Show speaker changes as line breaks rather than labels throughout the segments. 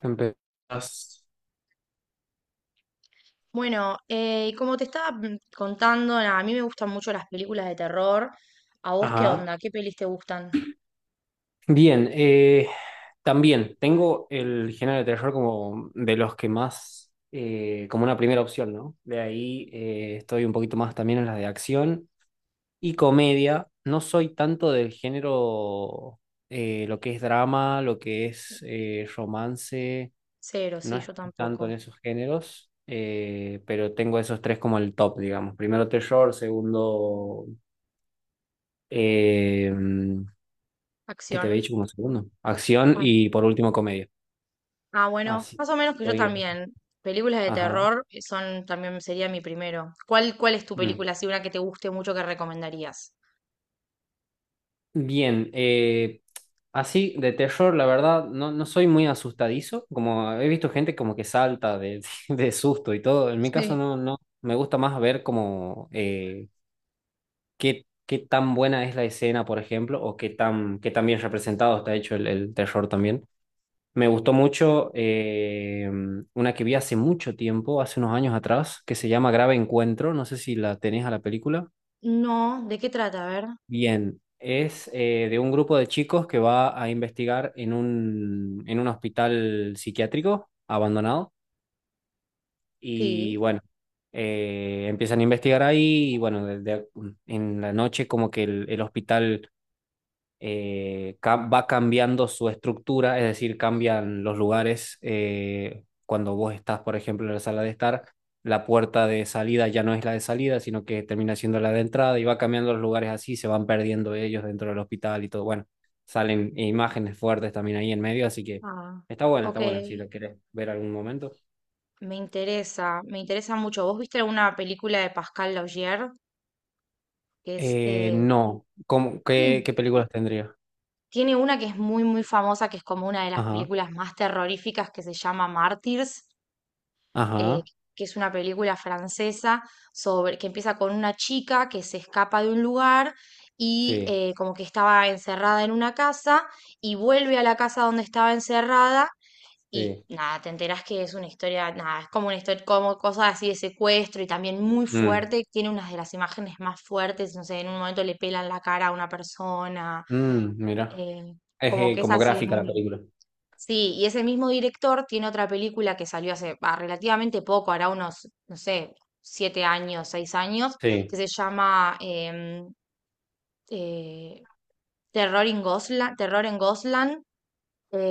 Empezás.
Bueno, y como te estaba contando, nada, a mí me gustan mucho las películas de terror. ¿A vos qué
Ajá.
onda? ¿Qué pelis te gustan?
Bien, también tengo el género de terror como de los que más, como una primera opción, ¿no? De ahí estoy un poquito más también en las de acción y comedia. No soy tanto del género, lo que es drama, lo que es romance,
Cero,
no
sí, yo
estoy tanto en
tampoco.
esos géneros, pero tengo esos tres como el top, digamos. Primero terror, segundo... em, que te había dicho
Acción.
como segundo. Acción
Ah,
y por último comedia.
ah, bueno,
Así
más o
que
menos que yo
estoy.
también. Películas de
Ajá.
terror son también sería mi primero. ¿Cuál es tu
Mm.
película, así una que te guste mucho que recomendarías?
Bien, así, de terror, la verdad, no soy muy asustadizo. Como he visto gente como que salta de, de susto y todo. En mi caso,
Sí.
no, no. Me gusta más ver como qué, qué tan buena es la escena, por ejemplo, o qué tan bien representado está hecho el terror también. Me gustó mucho una que vi hace mucho tiempo, hace unos años atrás, que se llama Grave Encuentro. No sé si la tenés a la película.
No, ¿de qué trata? A ver.
Bien, es de un grupo de chicos que va a investigar en un hospital psiquiátrico abandonado. Y
Sí.
bueno, empiezan a investigar ahí y bueno, en la noche como que el hospital va cambiando su estructura, es decir, cambian los lugares. Cuando vos estás, por ejemplo, en la sala de estar, la puerta de salida ya no es la de salida, sino que termina siendo la de entrada y va cambiando los lugares así, se van perdiendo ellos dentro del hospital y todo. Bueno, salen imágenes fuertes también ahí en medio, así que
Ah, ok.
está bueno, si lo querés ver algún momento.
Me interesa mucho. ¿Vos viste alguna película de Pascal Laugier? Que es.
No, ¿cómo... qué,
Mm.
qué películas tendría?
Tiene una que es muy, muy famosa, que es como una de las
Ajá,
películas más terroríficas, que se llama Martyrs, eh,
ajá,
que es una película francesa sobre, que empieza con una chica que se escapa de un lugar y
sí,
como que estaba encerrada en una casa y vuelve a la casa donde estaba encerrada y
sí.
nada, te enterás que es una historia, nada, es como una historia, como cosas así de secuestro y también muy
Mm,
fuerte, tiene unas de las imágenes más fuertes, no sé, en un momento le pelan la cara a una persona,
mm, mira.
eh,
Es
como que es
como
así
gráfica la
muy.
película.
Sí, y ese mismo director tiene otra película que salió hace relativamente poco, hará unos, no sé, 7 años, 6 años, que
Sí.
se llama eh, Terror en Goslan, Terror en Goslan,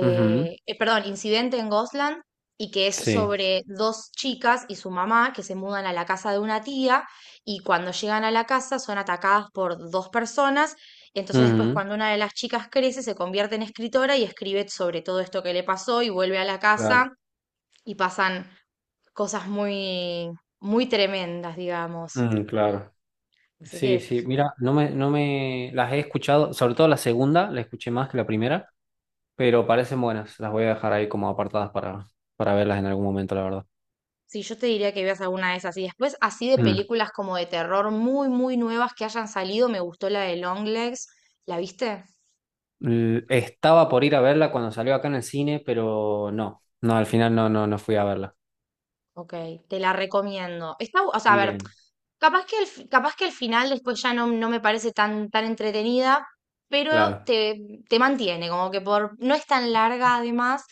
Ujú.
eh, perdón, Incidente en Gosland, y que es
Sí.
sobre dos chicas y su mamá que se mudan a la casa de una tía y cuando llegan a la casa son atacadas por dos personas. Entonces después
Ujú.
cuando una de las chicas crece se convierte en escritora y escribe sobre todo esto que le pasó y vuelve a la
Claro.
casa y pasan cosas muy, muy tremendas, digamos.
Mm, claro.
Así
Sí,
que
sí. Mira, no me las he escuchado, sobre todo la segunda, la escuché más que la primera, pero parecen buenas. Las voy a dejar ahí como apartadas para verlas en algún momento, la verdad.
sí, yo te diría que veas alguna de esas. Y después, así de
Mm.
películas como de terror muy, muy nuevas que hayan salido, me gustó la de Longlegs. ¿La viste?
Estaba por ir a verla cuando salió acá en el cine, pero no. No, al final no, no, no fui a verla.
Ok, te la recomiendo. Está, o sea, a ver,
Bien,
capaz que el final después ya no, no me parece tan, tan entretenida, pero
claro.
te mantiene, como que no es tan larga además,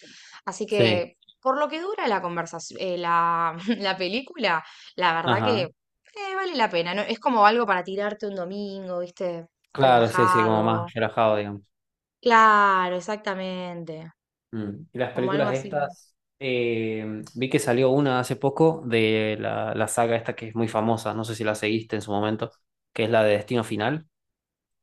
así
Sí.
que por lo que dura la conversación, la, la película, la verdad que
Ajá.
vale la pena, ¿no? Es como algo para tirarte un domingo, ¿viste?
Claro, sí, sí, como
Relajado.
más relajado, digamos.
Claro, exactamente.
Mm. Y las
Como algo
películas
así.
estas, vi que salió una hace poco de la, la saga esta que es muy famosa, no sé si la seguiste en su momento, que es la de Destino Final.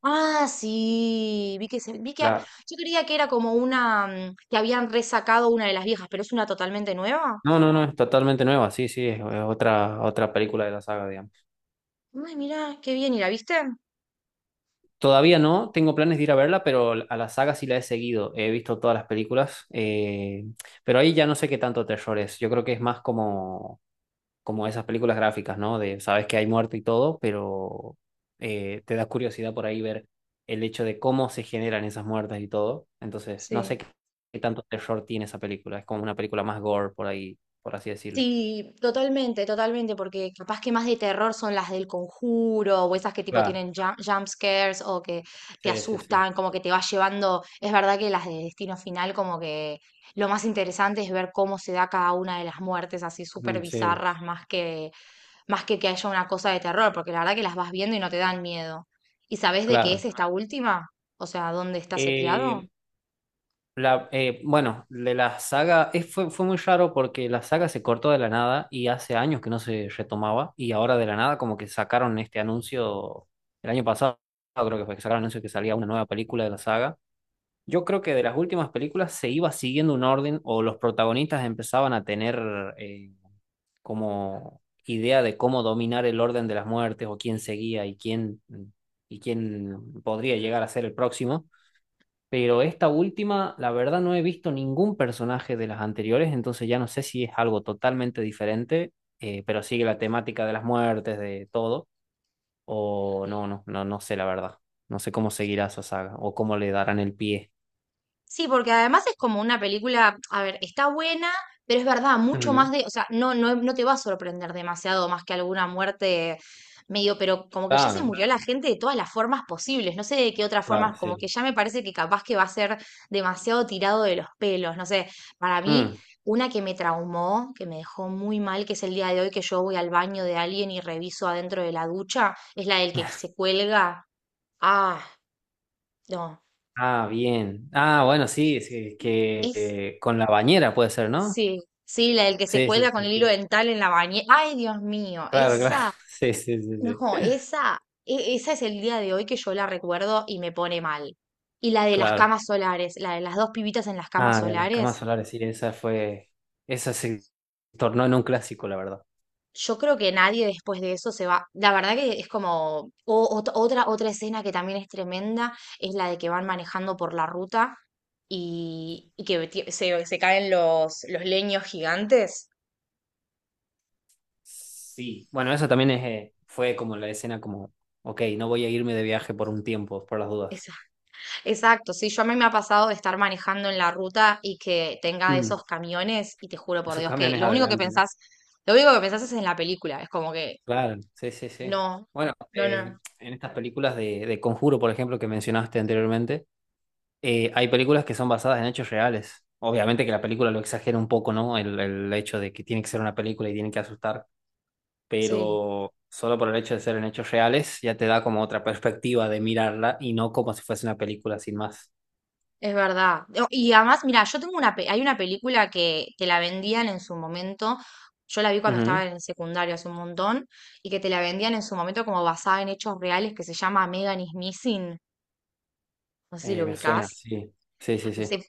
Ah, sí, vi que
La...
yo creía que era como una que habían resacado una de las viejas, pero es una totalmente nueva.
No, no, no, es totalmente nueva, sí, sí, es otra, otra película de la saga, digamos.
Ay, mirá, qué bien, ¿y la viste?
Todavía no, tengo planes de ir a verla, pero a la saga sí la he seguido, he visto todas las películas, pero ahí ya no sé qué tanto terror es, yo creo que es más como como esas películas gráficas, ¿no? De sabes que hay muerte y todo, pero te da curiosidad por ahí ver el hecho de cómo se generan esas muertes y todo. Entonces, no sé
Sí.
qué, qué tanto terror tiene esa película. Es como una película más gore por ahí, por así decirlo.
Sí, totalmente, totalmente, porque capaz que más de terror son las del conjuro o esas que tipo
Claro,
tienen jump scares o que te
sí, sí, sí.
asustan, como que te vas llevando. Es verdad que las de Destino Final, como que lo más interesante es ver cómo se da cada una de las muertes así súper
Mm, sí,
bizarras, más que haya una cosa de terror, porque la verdad que las vas viendo y no te dan miedo. ¿Y sabes de qué
claro.
es esta última? O sea, ¿dónde está seteado?
Eh, La, bueno, de la saga, fue, fue muy raro porque la saga se cortó de la nada y hace años que no se retomaba y ahora de la nada como que sacaron este anuncio el año pasado, creo que fue que sacaron el anuncio que salía una nueva película de la saga. Yo creo que de las últimas películas se iba siguiendo un orden o los protagonistas empezaban a tener eh, como idea de cómo dominar el orden de las muertes o quién seguía y quién podría llegar a ser el próximo. Pero esta última, la verdad, no he visto ningún personaje de las anteriores, entonces ya no sé si es algo totalmente diferente, pero sigue la temática de las muertes, de todo, o no, no, no, no sé la verdad. No sé cómo seguirá esa saga o cómo le darán el pie.
Sí, porque además es como una película, a ver, está buena, pero es verdad, mucho más
Ujú.
de, o sea, no, no, no te va a sorprender demasiado más que alguna muerte medio, pero como que ya se
Claro,
murió la gente de todas las formas posibles, no sé de qué otras
claro,
formas, como que
sí.
ya me parece que capaz que va a ser demasiado tirado de los pelos, no sé, para mí,
Mm.
una que me traumó, que me dejó muy mal, que es el día de hoy que yo voy al baño de alguien y reviso adentro de la ducha, es la del que se cuelga, ah, no.
Ah, bien. Ah, bueno, sí, sí, que
Es
con la bañera puede ser, ¿no?
Sí, sí, la del que se
Sí, sí,
cuelga con
sí,
el hilo
sí.
dental en la bañera. Ay, Dios mío,
Claro, claro.
esa,
Sí, sí, sí,
no,
sí.
esa, esa es el día de hoy que yo la recuerdo y me pone mal. Y la de las
Claro.
camas solares, la de las dos pibitas en las camas
Ah, la de las camas
solares,
solares, sí, esa fue. Esa se tornó en un clásico, la verdad.
yo creo que nadie después de eso se va. La verdad que es como otra escena que también es tremenda, es la de que van manejando por la ruta y se caen los leños gigantes.
Sí, bueno, eso también es, fue como la escena como, ok, no voy a irme de viaje por un tiempo, por las dudas.
Esa. Exacto, sí, yo a mí me ha pasado de estar manejando en la ruta y que tenga de
Mm,
esos camiones y te juro por
esos
Dios que
camiones
lo único que
adelante, ¿no?
pensás, lo único que pensás es en la película, es como que
Claro, sí, sí, sí.
no,
Bueno,
no, no,
en estas películas de Conjuro, por ejemplo, que mencionaste anteriormente, hay películas que son basadas en hechos reales. Obviamente que la película lo exagera un poco, ¿no? El hecho de que tiene que ser una película y tiene que asustar.
sí,
Pero solo por el hecho de ser en hechos reales ya te da como otra perspectiva de mirarla y no como si fuese una película sin más.
es verdad. No, y además, mira, yo tengo una, hay una película que la vendían en su momento, yo la vi cuando estaba
Ujú.
en el secundario hace un montón, y que te la vendían en su momento como basada en hechos reales que se llama Megan is Missing, no sé si lo
Me suena,
ubicás.
sí, sí, sí,
Sí.
sí,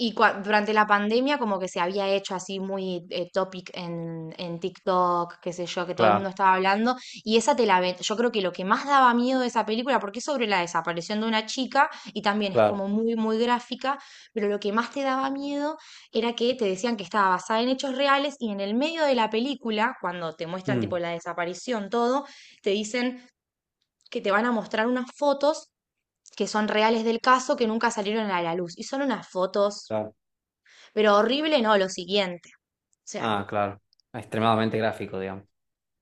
Durante la pandemia como que se había hecho así muy topic en TikTok, qué sé yo, que todo el mundo
claro,
estaba hablando. Y esa te la ven. Yo creo que lo que más daba miedo de esa película, porque es sobre la desaparición de una chica y también es
claro.
como muy, muy gráfica, pero lo que más te daba miedo era que te decían que estaba basada en hechos reales y en el medio de la película, cuando te muestran tipo
Mm,
la desaparición, todo, te dicen que te van a mostrar unas fotos que son reales del caso que nunca salieron a la luz. Y son unas fotos
claro.
pero horrible no, lo siguiente. O sea,
Ah, claro, extremadamente gráfico, digamos.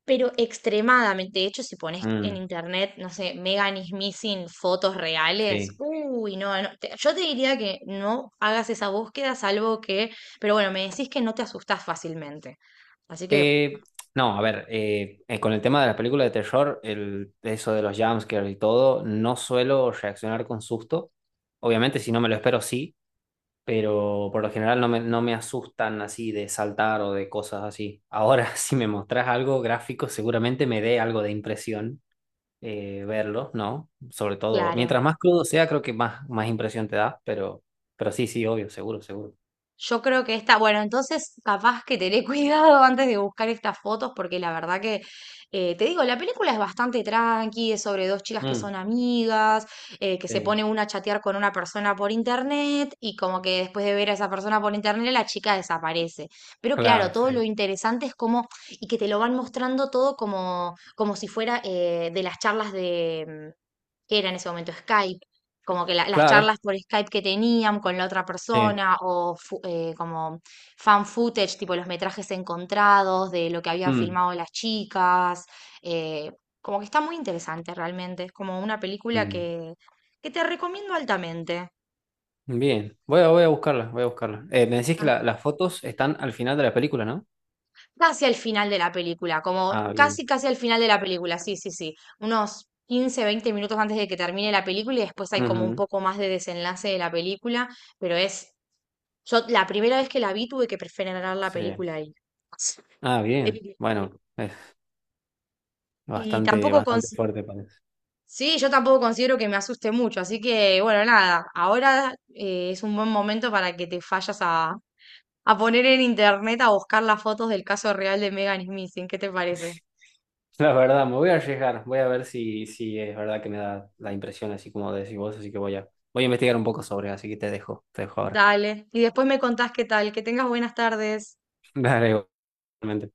pero extremadamente. De hecho, si pones en
Mm,
internet, no sé, Megan is missing fotos reales,
sí.
uy, no, no, yo te diría que no hagas esa búsqueda, salvo que, pero bueno, me decís que no te asustás fácilmente. Así que,
Eh, no, a ver, con el tema de las películas de terror, el, eso de los jumpscares y todo, no suelo reaccionar con susto. Obviamente, si no me lo espero, sí, pero por lo general no me, no me asustan así de saltar o de cosas así. Ahora, si me mostrás algo gráfico, seguramente me dé algo de impresión verlo, ¿no? Sobre todo,
claro.
mientras más crudo sea, creo que más, más impresión te da, pero sí, sí, obvio, seguro, seguro.
Yo creo que esta, bueno, entonces capaz que tener cuidado antes de buscar estas fotos, porque la verdad que, te digo, la película es bastante tranqui, es sobre dos chicas que
Mm,
son amigas, que se pone
sí,
una a chatear con una persona por internet y como que después de ver a esa persona por internet la chica desaparece. Pero claro,
claro,
todo lo
sí.
interesante es como, y que te lo van mostrando todo como, como si fuera de las charlas de, que era en ese momento Skype, como que las
Claro,
charlas por Skype que tenían con la otra
sí.
persona o como fan footage, tipo los metrajes encontrados de lo que habían
Mm,
filmado las chicas, eh, como que está muy interesante realmente, es como una película
mm.
que te recomiendo altamente.
Bien, voy a, voy a buscarla, voy a buscarla. Me decís que
Ah,
las fotos están al final de la película, ¿no?
casi al final de la película, como
Ah, bien.
casi casi al final de la película, sí, sí, sí, unos 15-20 minutos antes de que termine la película y después hay como un
Ujú,
poco más de desenlace de la película, pero es. Yo la primera vez que la vi tuve que preferenar la
sí.
película ahí.
Ah, bien.
Eh, y
Bastante,
tampoco
bastante fuerte parece.
sí, yo tampoco considero que me asuste mucho, así que bueno, nada, ahora es un buen momento para que te fallas a poner en internet a buscar las fotos del caso real de Megan Smith, ¿qué te parece?
La verdad, me voy a arriesgar, voy a ver si, si es verdad que me da la impresión, así como decís vos, así que voy a, voy a investigar un poco sobre, así que te dejo ahora.
Dale, y después me contás qué tal, que tengas buenas tardes.
Dale, igualmente.